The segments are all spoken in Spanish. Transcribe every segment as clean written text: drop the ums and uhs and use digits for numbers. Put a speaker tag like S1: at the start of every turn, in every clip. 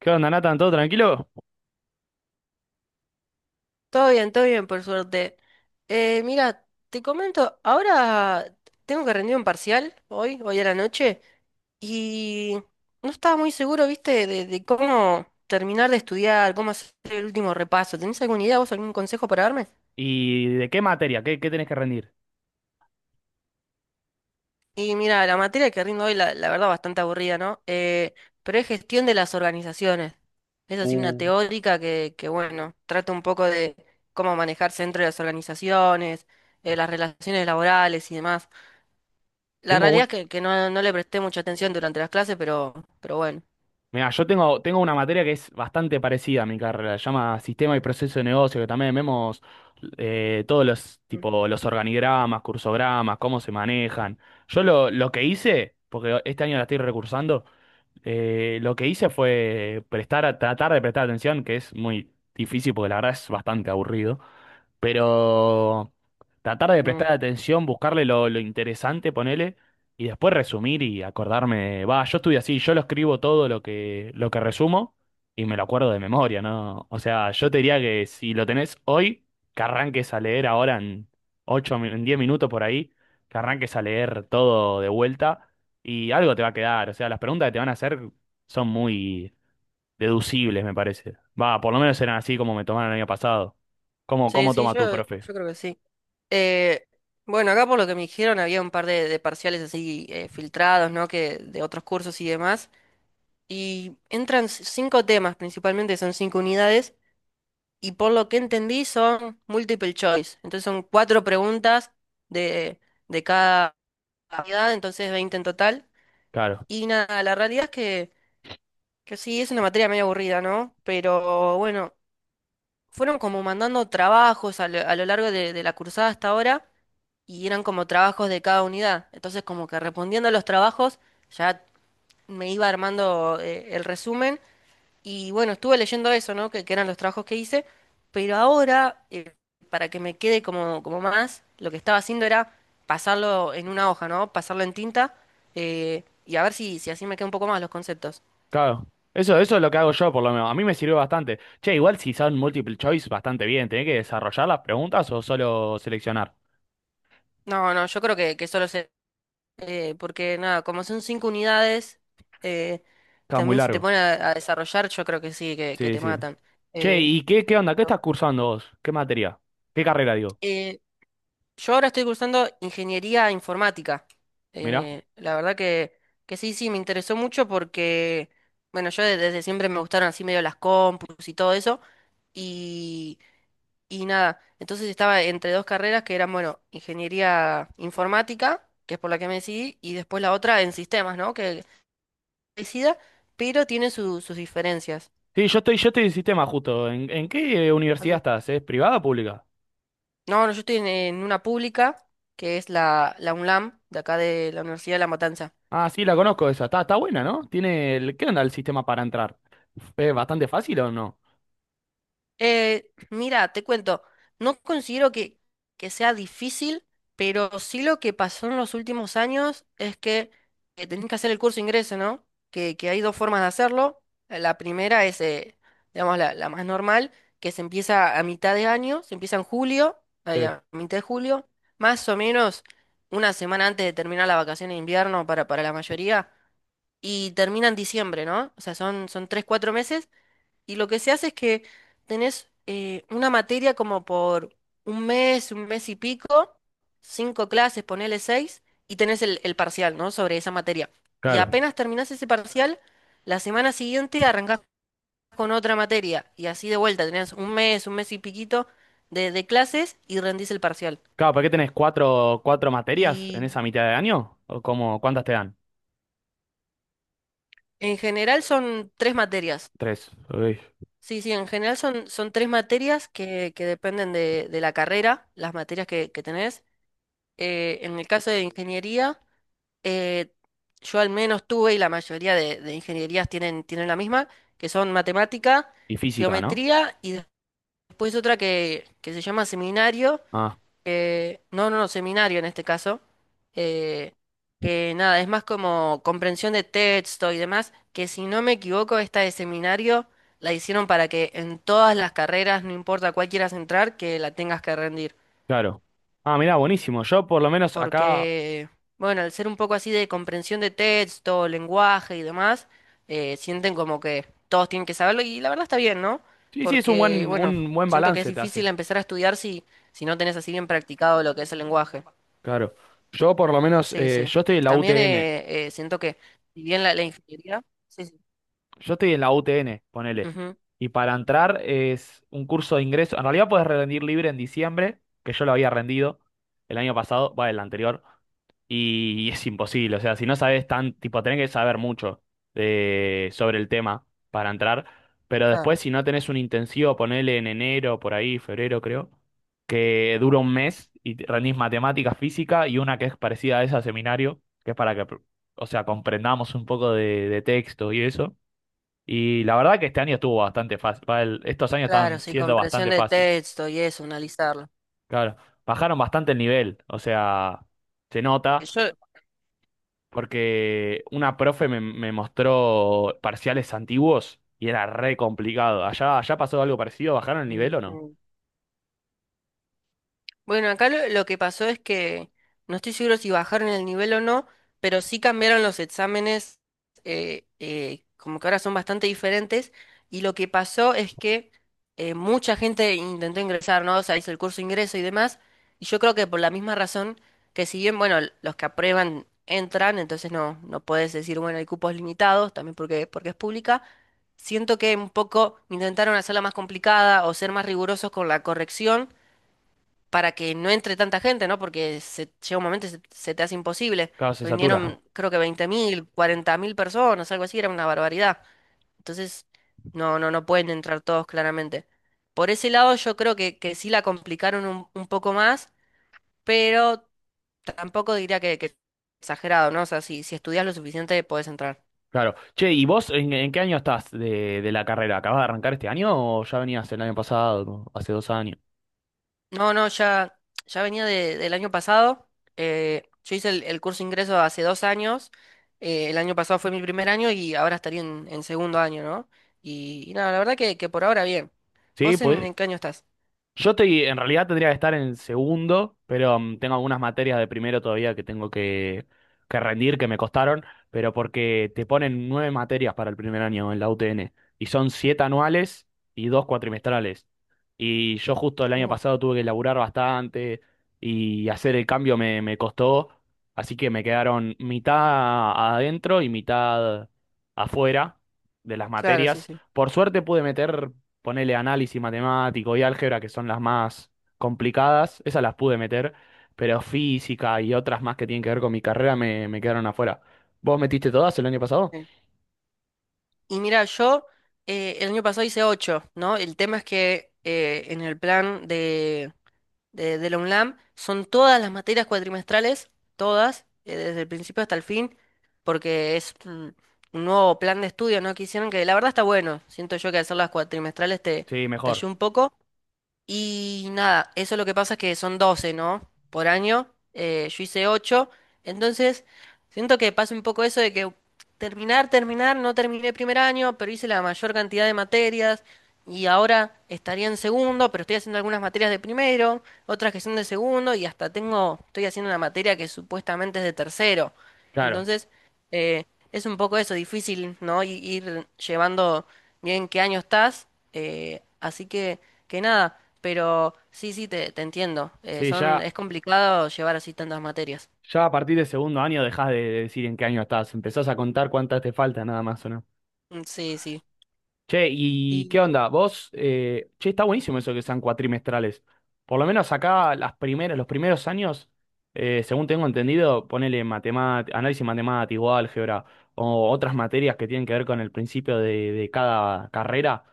S1: ¿Qué onda, Nathan? ¿Todo tranquilo?
S2: Todo bien, por suerte. Mira, te comento, ahora tengo que rendir un parcial hoy, hoy a la noche, y no estaba muy seguro, viste, de cómo terminar de estudiar, cómo hacer el último repaso. ¿Tenés alguna idea, vos, algún consejo para darme?
S1: ¿Y de qué materia? ¿Qué tenés que rendir?
S2: Y mira, la materia que rindo hoy, la verdad, bastante aburrida, ¿no? Pero es gestión de las organizaciones. Es así una
S1: Uh,
S2: teórica que, bueno, trata un poco de cómo manejarse dentro de las organizaciones, las relaciones laborales y demás. La
S1: tengo
S2: realidad
S1: un...
S2: es que no, no le presté mucha atención durante las clases, pero bueno.
S1: Mira, yo tengo una materia que es bastante parecida a mi carrera. Se llama Sistema y Proceso de Negocio, que también vemos todos los,
S2: Mm,
S1: tipo, los organigramas, cursogramas, cómo se manejan. Yo lo que hice, porque este año la estoy recursando, lo que hice fue tratar de prestar atención, que es muy difícil porque la verdad es bastante aburrido. Pero tratar de
S2: mm.
S1: prestar atención, buscarle lo interesante, ponele, y después resumir y acordarme. Va, yo estuve así, yo lo escribo todo lo que resumo y me lo acuerdo de memoria, ¿no? O sea, yo te diría que si lo tenés hoy, que arranques a leer ahora en en 10 minutos por ahí, que arranques a leer todo de vuelta y algo te va a quedar. O sea, las preguntas que te van a hacer son muy deducibles, me parece. Va, por lo menos eran así como me tomaron el año pasado. ¿Cómo,
S2: Sí,
S1: cómo
S2: sí,
S1: toma tu
S2: yo
S1: profe?
S2: creo que sí. Eh, bueno, acá por lo que me dijeron había un par de parciales así filtrados, ¿no? Que de otros cursos y demás. Y entran cinco temas principalmente, son cinco unidades. Y por lo que entendí son multiple choice. Entonces son cuatro preguntas de, de cada unidad, entonces 20 en total.
S1: Claro,
S2: Y nada, la realidad es que sí, es una materia medio aburrida, ¿no? Pero bueno. Fueron como mandando trabajos a lo largo de la cursada hasta ahora y eran como trabajos de cada unidad. Entonces como que respondiendo a los trabajos ya me iba armando el resumen y bueno, estuve leyendo eso, ¿no? Que eran los trabajos que hice, pero ahora para que me quede como más, lo que estaba haciendo era pasarlo en una hoja, ¿no? Pasarlo en tinta y a ver si así me queda un poco más los conceptos.
S1: claro. Eso es lo que hago yo, por lo menos. A mí me sirvió bastante. Che, igual si son multiple choice, bastante bien. ¿Tenés que desarrollar las preguntas o solo seleccionar?
S2: No, no, yo creo que solo, porque nada, como son cinco unidades, eh,
S1: Está muy
S2: también si te
S1: largo.
S2: ponen a desarrollar, yo creo que sí, que
S1: Sí,
S2: te
S1: sí.
S2: matan.
S1: Che,
S2: Eh,
S1: ¿y qué onda? ¿Qué estás
S2: pero,
S1: cursando vos? ¿Qué materia? ¿Qué carrera, digo?
S2: eh, yo ahora estoy cursando ingeniería informática.
S1: Mirá.
S2: La verdad que sí, sí, me interesó mucho porque, bueno, yo desde siempre me gustaron así medio las compus y todo eso. Y, y nada, entonces estaba entre dos carreras que eran, bueno, ingeniería informática, que es por la que me decidí, y después la otra en sistemas, ¿no? Que parecida, pero tiene sus diferencias.
S1: Sí, yo estoy en sistema justo. ¿En qué universidad
S2: Así-
S1: estás? ¿Es privada o pública?
S2: No, no, yo estoy en una pública, que es la UNLAM, de acá de la Universidad de La Matanza.
S1: Ah, sí, la conozco esa. Está, está buena, ¿no? Tiene el... ¿Qué onda el sistema para entrar? ¿Es bastante fácil o no?
S2: Mira, te cuento, no considero que sea difícil, pero sí lo que pasó en los últimos años es que, tenés que hacer el curso de ingreso, ¿no? Que hay dos formas de hacerlo. La primera es, digamos, la más normal, que se empieza a mitad de año, se empieza en julio,
S1: Sí,
S2: ahí a mitad de julio, más o menos una semana antes de terminar la vacación de invierno para la mayoría, y termina en diciembre, ¿no? O sea, son 3, 4 meses y lo que se hace es que tenés, una materia como por un mes y pico, cinco clases, ponele seis, y tenés el parcial, ¿no? Sobre esa materia. Y
S1: claro.
S2: apenas terminás ese parcial, la semana siguiente arrancás con otra materia. Y así de vuelta, tenés un mes y piquito de clases y rendís el parcial.
S1: Claro, ¿para qué tenés cuatro materias en esa
S2: Y
S1: mitad de año? ¿O cómo, cuántas te dan?
S2: en general son tres materias.
S1: Tres. Uy.
S2: Sí, sí, en general son tres materias que dependen de la carrera, las materias que tenés. En el caso de ingeniería, eh, yo al menos tuve, y la mayoría de ingenierías tienen la misma, que son matemática,
S1: Y física, ¿no?
S2: geometría y después otra que se llama seminario,
S1: Ah,
S2: que, no, no, no, seminario en este caso, eh, que nada, es más como comprensión de texto y demás, que si no me equivoco, esta de seminario la hicieron para que en todas las carreras, no importa cuál quieras entrar, que la tengas que rendir.
S1: claro. Ah, mirá, buenísimo. Yo por lo menos acá...
S2: Porque, bueno, al ser un poco así de comprensión de texto, lenguaje y demás, sienten como que todos tienen que saberlo y la verdad está bien, ¿no?
S1: Sí, sí, es
S2: Porque, bueno,
S1: un buen
S2: siento que es
S1: balance te
S2: difícil
S1: hace.
S2: empezar a estudiar si no tenés así bien practicado lo que es el lenguaje.
S1: Claro. Yo por lo menos,
S2: Sí, sí.
S1: yo estoy en la
S2: También,
S1: UTN.
S2: siento que, si bien la ingeniería... Sí, sí.
S1: Yo estoy en la UTN, ponele.
S2: Ujú.
S1: Y para entrar es un curso de ingreso. En realidad puedes rendir libre en diciembre, que yo lo había rendido el año pasado, va, el anterior. Y es imposible, o sea, si no sabes tan, tipo, tenés que saber mucho de, sobre el tema para entrar, pero después
S2: Claro,
S1: si no tenés un intensivo, ponele en enero, por ahí, febrero creo, que dura un mes y rendís matemática, física y una que es parecida a esa seminario, que es para que, o sea, comprendamos un poco de texto y eso, y la verdad que este año estuvo bastante fácil. Estos años
S2: claro,
S1: están
S2: sí,
S1: siendo
S2: comprensión
S1: bastante
S2: de
S1: fácil.
S2: texto y eso, analizarlo.
S1: Claro, bajaron bastante el nivel. O sea, se
S2: Que
S1: nota
S2: yo,
S1: porque una profe me mostró parciales antiguos y era re complicado. ¿Allá pasó algo parecido? ¿Bajaron el nivel o no?
S2: ujú. Bueno, acá lo que pasó es que no estoy seguro si bajaron el nivel o no, pero sí cambiaron los exámenes. Como que ahora son bastante diferentes, y lo que pasó es que, mucha gente intentó ingresar, ¿no? O sea, hizo el curso de ingreso y demás, y yo creo que por la misma razón que, si bien, bueno, los que aprueban entran, entonces no, no puedes decir, bueno, hay cupos limitados, también porque es pública, siento que un poco intentaron hacerla más complicada o ser más rigurosos con la corrección para que no entre tanta gente, ¿no? Porque llega un momento y se te hace imposible.
S1: Claro, se satura.
S2: Vinieron, creo que 20.000, 40.000 personas, algo así, era una barbaridad. Entonces, no, no, no pueden entrar todos claramente. Por ese lado, yo creo que sí la complicaron un poco más, pero tampoco diría que exagerado, ¿no? O sea, si estudias lo suficiente, podés entrar.
S1: Claro. Che, ¿y vos en qué año estás de la carrera? ¿Acabas de arrancar este año o ya venías el año pasado, hace dos años?
S2: No, no, ya, ya venía del año pasado. Yo hice el curso de ingreso hace 2 años. El año pasado fue mi primer año y ahora estaría en segundo año, ¿no? Y nada, la verdad que por ahora bien.
S1: Sí,
S2: ¿Vos en,
S1: pues
S2: en qué año estás?
S1: yo estoy, en realidad tendría que estar en segundo, pero mm, tengo algunas materias de primero todavía que tengo que rendir, que me costaron, pero porque te ponen nueve materias para el primer año en la UTN, y son siete anuales y dos cuatrimestrales. Y yo justo el año
S2: Ujú.
S1: pasado tuve que laburar bastante y hacer el cambio me costó, así que me quedaron mitad adentro y mitad afuera de las
S2: Claro, sí,
S1: materias.
S2: sí.
S1: Por suerte pude meter ponele análisis matemático y álgebra, que son las más complicadas, esas las pude meter, pero física y otras más que tienen que ver con mi carrera me quedaron afuera. ¿Vos metiste todas el año pasado?
S2: Sí. Y mira, yo, el año pasado hice ocho, ¿no? El tema es que, en el plan de la UNLAM son todas las materias cuatrimestrales, todas, desde el principio hasta el fin, porque es un nuevo plan de estudio, ¿no? Que hicieron que la verdad está bueno. Siento yo que hacer las cuatrimestrales
S1: Sí,
S2: te
S1: mejor,
S2: ayuda un poco, y nada, eso lo que pasa es que son 12, ¿no? Por año. Yo hice ocho. Entonces, siento que pasa un poco eso de que, no terminé primer año, pero hice la mayor cantidad de materias. Y ahora estaría en segundo, pero estoy haciendo algunas materias de primero, otras que son de segundo, y hasta estoy haciendo una materia que supuestamente es de tercero.
S1: claro.
S2: Entonces, eh, es un poco eso, difícil, ¿no? Ir llevando bien qué año estás. Así que nada. Pero sí, sí, te entiendo.
S1: Sí, ya,
S2: Es complicado llevar así tantas materias.
S1: ya a partir del segundo año dejás de decir en qué año estás, empezás a contar cuántas te faltan nada más, ¿o no?
S2: Mm, sí, sí.
S1: Che, ¿y
S2: Y,
S1: qué onda? Vos, che, está buenísimo eso que sean cuatrimestrales. Por lo menos acá las primeras, los primeros años, según tengo entendido, ponele matemática, análisis matemático, álgebra o otras materias que tienen que ver con el principio de cada carrera,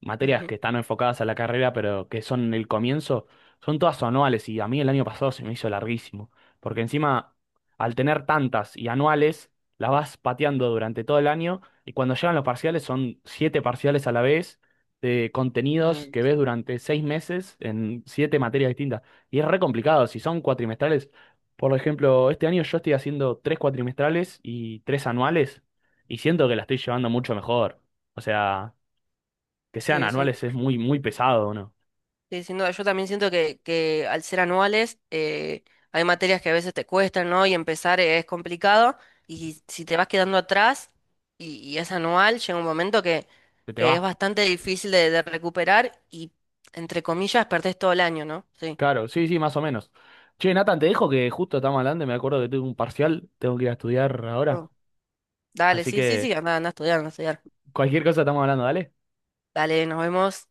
S1: materias
S2: ujú,
S1: que están enfocadas a la carrera pero que son el comienzo, son todas anuales y a mí el año pasado se me hizo larguísimo, porque encima al tener tantas y anuales, las vas pateando durante todo el año y cuando llegan los parciales, son siete parciales a la vez de contenidos
S2: mm,
S1: que ves durante seis meses en siete materias distintas. Y es re complicado, si son cuatrimestrales. Por ejemplo, este año yo estoy haciendo tres cuatrimestrales y tres anuales, y siento que la estoy llevando mucho mejor. O sea, que sean
S2: sí, sí.
S1: anuales es muy, muy pesado, ¿no?
S2: Sí, sin duda. Yo también siento que al ser anuales, hay materias que a veces te cuestan, ¿no? Y empezar es complicado. Y si te vas quedando atrás y es anual, llega un momento que,
S1: Se te
S2: que es
S1: va.
S2: bastante difícil de recuperar y, entre comillas, perdés todo el año, ¿no? Sí.
S1: Claro, sí, sí, más o menos. Che, Nathan, te dejo que justo estamos hablando y me acuerdo que tengo un parcial, tengo que ir a estudiar ahora.
S2: Oh. Dale,
S1: Así
S2: sí, sí,
S1: que
S2: sí, anda, anda a estudiar, anda a estudiar.
S1: cualquier cosa estamos hablando, dale.
S2: Dale, nos vemos.